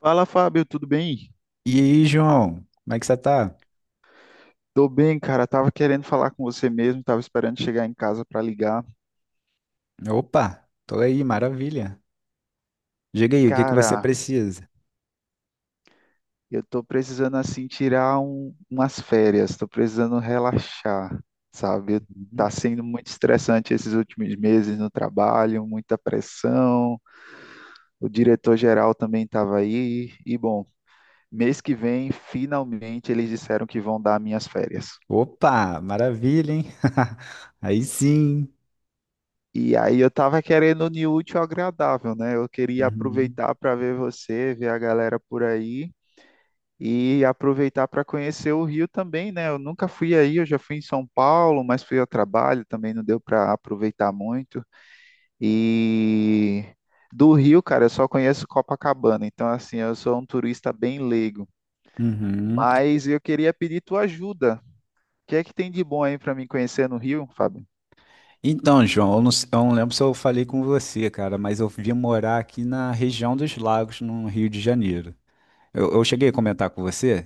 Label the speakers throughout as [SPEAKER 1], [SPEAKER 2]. [SPEAKER 1] Fala, Fábio, tudo bem?
[SPEAKER 2] E aí, João, como é que você tá?
[SPEAKER 1] Tô bem, cara. Tava querendo falar com você mesmo, tava esperando chegar em casa pra ligar.
[SPEAKER 2] Opa, tô aí, maravilha. Diga aí, o que que você
[SPEAKER 1] Cara,
[SPEAKER 2] precisa?
[SPEAKER 1] eu tô precisando assim tirar umas férias, tô precisando relaxar, sabe?
[SPEAKER 2] Uhum.
[SPEAKER 1] Tá sendo muito estressante esses últimos meses no trabalho, muita pressão. O diretor geral também tava aí e bom, mês que vem, finalmente eles disseram que vão dar minhas férias.
[SPEAKER 2] Opa, maravilha, hein? Aí sim.
[SPEAKER 1] E aí eu tava querendo unir o útil ao agradável, né? Eu queria
[SPEAKER 2] Uhum.
[SPEAKER 1] aproveitar para ver você, ver a galera por aí e aproveitar para conhecer o Rio também, né? Eu nunca fui aí, eu já fui em São Paulo, mas fui ao trabalho, também não deu para aproveitar muito. E do Rio, cara, eu só conheço Copacabana, então assim, eu sou um turista bem leigo.
[SPEAKER 2] Uhum.
[SPEAKER 1] Mas eu queria pedir tua ajuda. O que é que tem de bom aí para mim conhecer no Rio, Fábio?
[SPEAKER 2] Então, João, eu não lembro se eu falei com você, cara, mas eu vim morar aqui na região dos Lagos, no Rio de Janeiro. Eu cheguei a comentar com você?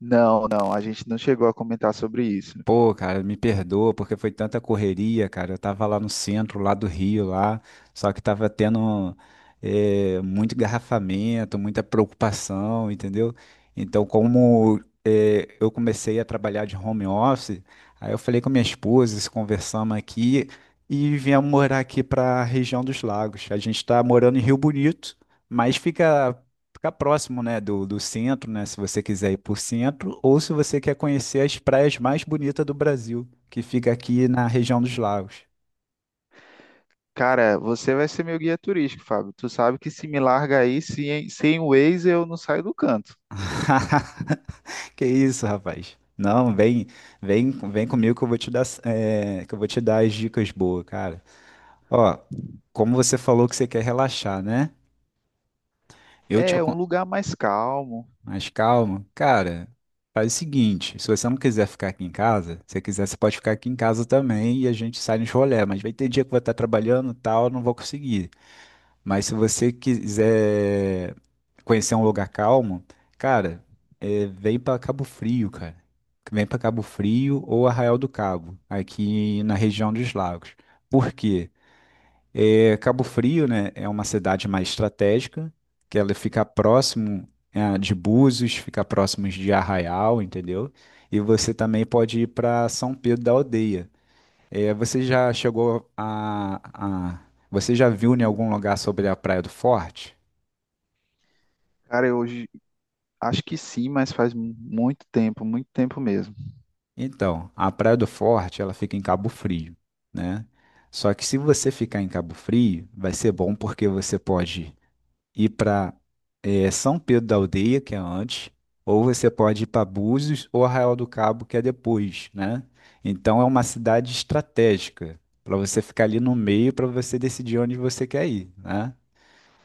[SPEAKER 1] Não, não, a gente não chegou a comentar sobre isso.
[SPEAKER 2] Pô, cara, me perdoa porque foi tanta correria, cara. Eu tava lá no centro, lá do Rio, lá, só que tava tendo muito engarrafamento, muita preocupação, entendeu? Então, como eu comecei a trabalhar de home office, aí eu falei com minha esposa, se conversamos aqui e viemos morar aqui pra região dos lagos. A gente tá morando em Rio Bonito, mas ficar próximo, né, do centro, né, se você quiser ir por centro, ou se você quer conhecer as praias mais bonitas do Brasil, que fica aqui na região dos lagos.
[SPEAKER 1] Cara, você vai ser meu guia turístico, Fábio. Tu sabe que se me larga aí, sem o Waze eu não saio do canto.
[SPEAKER 2] Que isso, rapaz? Não, vem, vem, vem comigo que eu vou te que eu vou te dar as dicas boas, cara. Ó, como você falou que você quer relaxar, né? Eu te,
[SPEAKER 1] É um
[SPEAKER 2] acon-
[SPEAKER 1] lugar mais calmo.
[SPEAKER 2] mais calmo, cara, faz o seguinte, se você não quiser ficar aqui em casa, se você quiser, você pode ficar aqui em casa também e a gente sai nos rolê, mas vai ter dia que eu vou estar trabalhando e tal, eu não vou conseguir. Mas se você quiser conhecer um lugar calmo, cara, vem pra Cabo Frio, cara. Vem pra Cabo Frio ou Arraial do Cabo, aqui na região dos lagos. Por quê? É, Cabo Frio, né, é uma cidade mais estratégica, que ela fica próximo, de Búzios, fica próximo de Arraial, entendeu? E você também pode ir para São Pedro da Aldeia. Você já chegou a- você já viu em algum lugar sobre a Praia do Forte?
[SPEAKER 1] Cara, eu hoje acho que sim, mas faz muito tempo mesmo.
[SPEAKER 2] Então, a Praia do Forte, ela fica em Cabo Frio, né? Só que se você ficar em Cabo Frio, vai ser bom porque você pode ir para São Pedro da Aldeia, que é antes, ou você pode ir para Búzios ou Arraial do Cabo, que é depois, né? Então é uma cidade estratégica para você ficar ali no meio para você decidir onde você quer ir, né?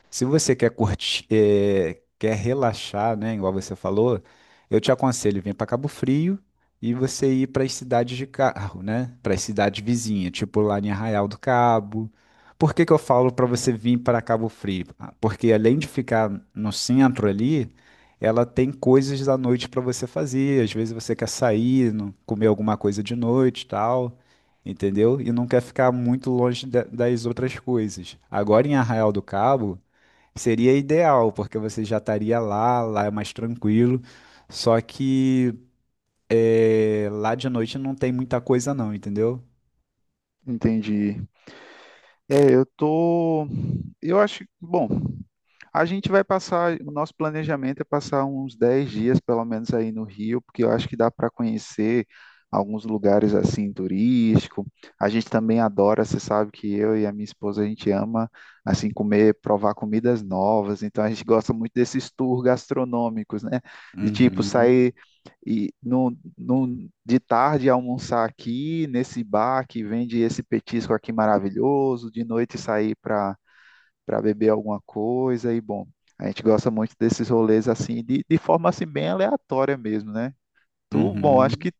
[SPEAKER 2] Se você quer curtir, quer relaxar, né, igual você falou, eu te aconselho vir para Cabo Frio e você ir para as cidades de carro, né? Para as cidades vizinhas, tipo lá em Arraial do Cabo. Por que que eu falo para você vir para Cabo Frio? Ah, porque além de ficar no centro ali, ela tem coisas da noite para você fazer. Às vezes você quer sair, comer alguma coisa de noite, e tal. Entendeu? E não quer ficar muito longe das outras coisas. Agora em Arraial do Cabo, seria ideal, porque você já estaria lá, lá é mais tranquilo. Só que é, lá de noite não tem muita coisa não, entendeu?
[SPEAKER 1] Entendi. É, eu tô. Eu acho. Bom. A gente vai passar, o nosso planejamento é passar uns 10 dias, pelo menos, aí no Rio, porque eu acho que dá para conhecer alguns lugares assim turístico. A gente também adora, você sabe que eu e a minha esposa a gente ama assim comer, provar comidas novas. Então a gente gosta muito desses tours gastronômicos, né? De tipo
[SPEAKER 2] Uhum,
[SPEAKER 1] sair e no, no, de tarde almoçar aqui nesse bar que vende esse petisco aqui maravilhoso, de noite sair para beber alguma coisa e bom, a gente gosta muito desses rolês assim, de forma assim bem aleatória mesmo, né? Tu, bom, acho
[SPEAKER 2] uhum.
[SPEAKER 1] que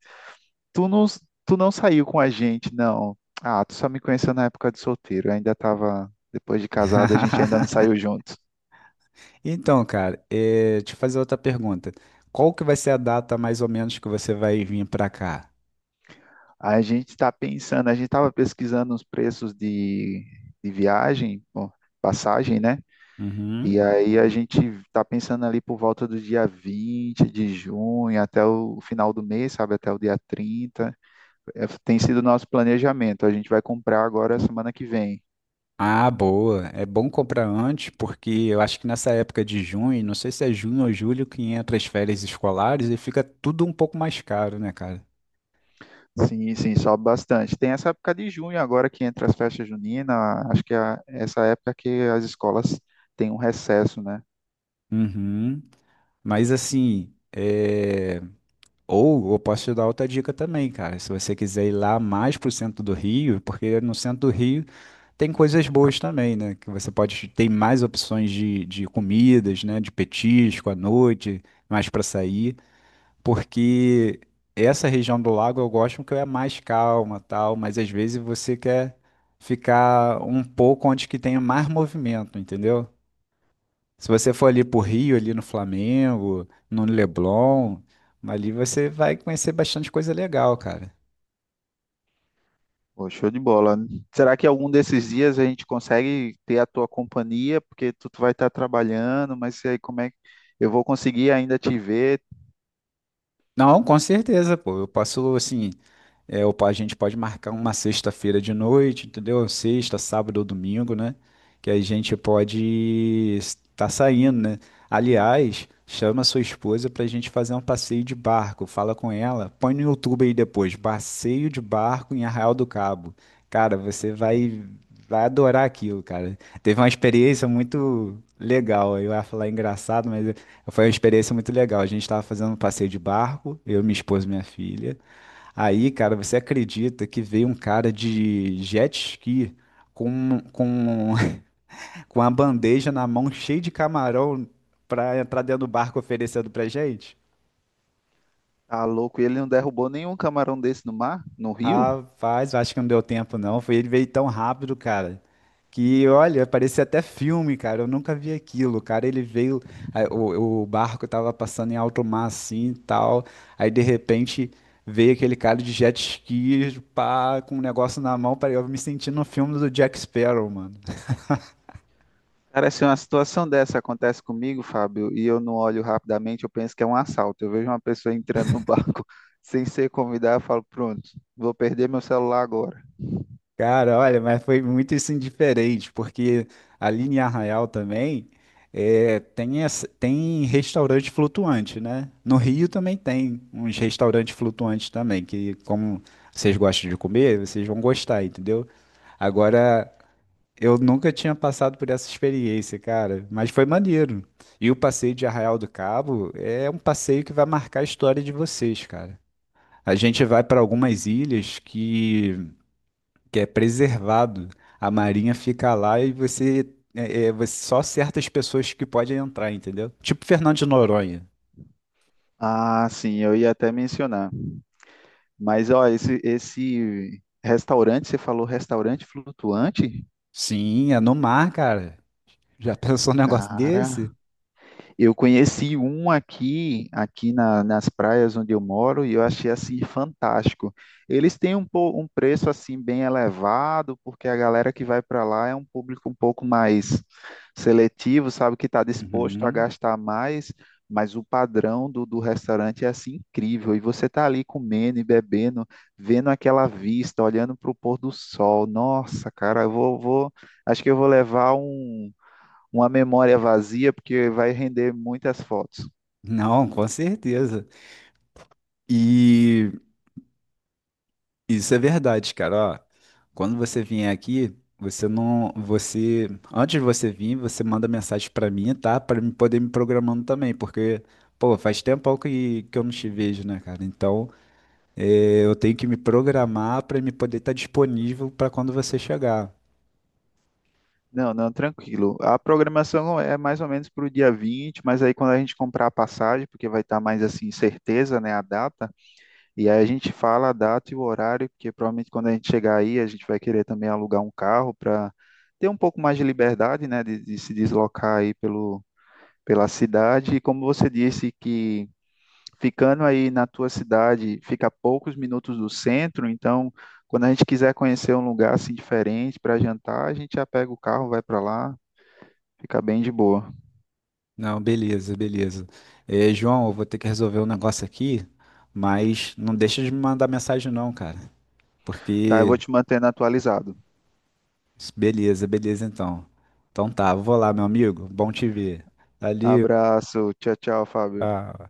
[SPEAKER 1] tu não, tu não saiu com a gente, não. Ah, tu só me conheceu na época de solteiro, eu ainda tava, depois de casado, a gente ainda não saiu juntos.
[SPEAKER 2] Então, cara, deixa eu fazer outra pergunta. Qual que vai ser a data mais ou menos que você vai vir pra cá?
[SPEAKER 1] A gente tá pensando, a gente tava pesquisando os preços de viagem, bom, passagem, né? E
[SPEAKER 2] Uhum.
[SPEAKER 1] aí a gente tá pensando ali por volta do dia 20 de junho até o final do mês, sabe? Até o dia 30. É, tem sido o nosso planejamento. A gente vai comprar agora semana que vem.
[SPEAKER 2] Ah, boa. É bom comprar antes, porque eu acho que nessa época de junho, não sei se é junho ou julho, que entra as férias escolares e fica tudo um pouco mais caro, né, cara?
[SPEAKER 1] Sim, sim, sobe bastante. Tem essa época de junho agora que entra as festas juninas. Acho que é essa época que as escolas têm um recesso, né?
[SPEAKER 2] Uhum. Mas assim, é... ou eu posso te dar outra dica também, cara. Se você quiser ir lá mais pro centro do Rio, porque no centro do Rio tem coisas boas também, né? Que você pode ter mais opções de comidas, né? De petisco à noite, mais pra sair. Porque essa região do lago eu gosto porque é mais calma, tal, mas às vezes você quer ficar um pouco onde que tenha mais movimento, entendeu? Se você for ali pro Rio, ali no Flamengo, no Leblon, ali você vai conhecer bastante coisa legal, cara.
[SPEAKER 1] Pô, show de bola. Será que algum desses dias a gente consegue ter a tua companhia? Porque tu vai estar trabalhando, mas e aí como é que eu vou conseguir ainda te ver?
[SPEAKER 2] Não, com certeza, pô. Eu posso, assim, é, ou a gente pode marcar uma sexta-feira de noite, entendeu? Sexta, sábado ou domingo, né? Que a gente pode estar saindo, né? Aliás, chama sua esposa para a gente fazer um passeio de barco. Fala com ela. Põe no YouTube aí depois. Passeio de barco em Arraial do Cabo. Cara, você vai, vai adorar aquilo, cara. Teve uma experiência muito legal. Eu ia falar engraçado, mas foi uma experiência muito legal. A gente estava fazendo um passeio de barco, eu, minha esposa e minha filha. Aí, cara, você acredita que veio um cara de jet ski com, com, com a bandeja na mão cheia de camarão pra entrar dentro do barco oferecendo pra gente?
[SPEAKER 1] Tá louco? E ele não derrubou nenhum camarão desse no mar, no rio?
[SPEAKER 2] Rapaz, eu acho que não deu tempo, não. Foi ele veio tão rápido, cara, que olha, parecia até filme, cara. Eu nunca vi aquilo, cara. Ele veio, aí o barco tava passando em alto mar assim e tal. Aí de repente veio aquele cara de jet ski, pá, com um negócio na mão. Eu me senti no filme do Jack Sparrow, mano.
[SPEAKER 1] Cara, se uma situação dessa acontece comigo, Fábio, e eu não olho rapidamente, eu penso que é um assalto. Eu vejo uma pessoa entrando no banco sem ser convidada, eu falo, pronto, vou perder meu celular agora.
[SPEAKER 2] Cara, olha, mas foi muito isso indiferente, porque ali em Arraial também tem restaurante flutuante, né? No Rio também tem uns restaurantes flutuantes também, que como vocês gostam de comer, vocês vão gostar, entendeu? Agora, eu nunca tinha passado por essa experiência, cara, mas foi maneiro. E o passeio de Arraial do Cabo é um passeio que vai marcar a história de vocês, cara. A gente vai para algumas ilhas que é preservado. A marinha fica lá e você, só certas pessoas que podem entrar, entendeu? Tipo Fernando de Noronha.
[SPEAKER 1] Ah, sim, eu ia até mencionar. Mas, ó, esse restaurante, você falou restaurante flutuante?
[SPEAKER 2] Sim, é no mar, cara. Já pensou num negócio
[SPEAKER 1] Cara.
[SPEAKER 2] desse?
[SPEAKER 1] Eu conheci um aqui, nas praias onde eu moro, e eu achei assim fantástico. Eles têm um, um preço assim bem elevado, porque a galera que vai para lá é um público um pouco mais seletivo, sabe, que está disposto a
[SPEAKER 2] Uhum.
[SPEAKER 1] gastar mais, mas o padrão do restaurante é assim incrível. E você está ali comendo e bebendo, vendo aquela vista, olhando para o pôr do sol. Nossa, cara, acho que eu vou levar uma memória vazia, porque vai render muitas fotos.
[SPEAKER 2] Não, com certeza. E isso é verdade, cara. Ó, quando você vier aqui, você não, você, antes de você vir, você manda mensagem pra mim, tá? Pra me poder me programando também, porque, pô, faz tempo que eu não te vejo, né, cara? Então é, eu tenho que me programar para me poder estar disponível para quando você chegar.
[SPEAKER 1] Não, não, tranquilo. A programação é mais ou menos para o dia 20, mas aí quando a gente comprar a passagem, porque vai estar mais assim, certeza, né, a data, e aí a gente fala a data e o horário, porque provavelmente quando a gente chegar aí, a gente vai querer também alugar um carro para ter um pouco mais de liberdade, né, de se deslocar aí pelo, pela cidade. E como você disse que ficando aí na tua cidade, fica a poucos minutos do centro, então quando a gente quiser conhecer um lugar assim diferente para jantar, a gente já pega o carro, vai para lá, fica bem de boa.
[SPEAKER 2] Não, beleza, beleza. É, João, eu vou ter que resolver um negócio aqui, mas não deixa de me mandar mensagem não, cara.
[SPEAKER 1] Tá, eu vou
[SPEAKER 2] Porque,
[SPEAKER 1] te mantendo atualizado.
[SPEAKER 2] beleza, beleza então. Então tá, vou lá, meu amigo. Bom te ver. Valeu.
[SPEAKER 1] Abraço, tchau, tchau, Fábio.
[SPEAKER 2] Tchau.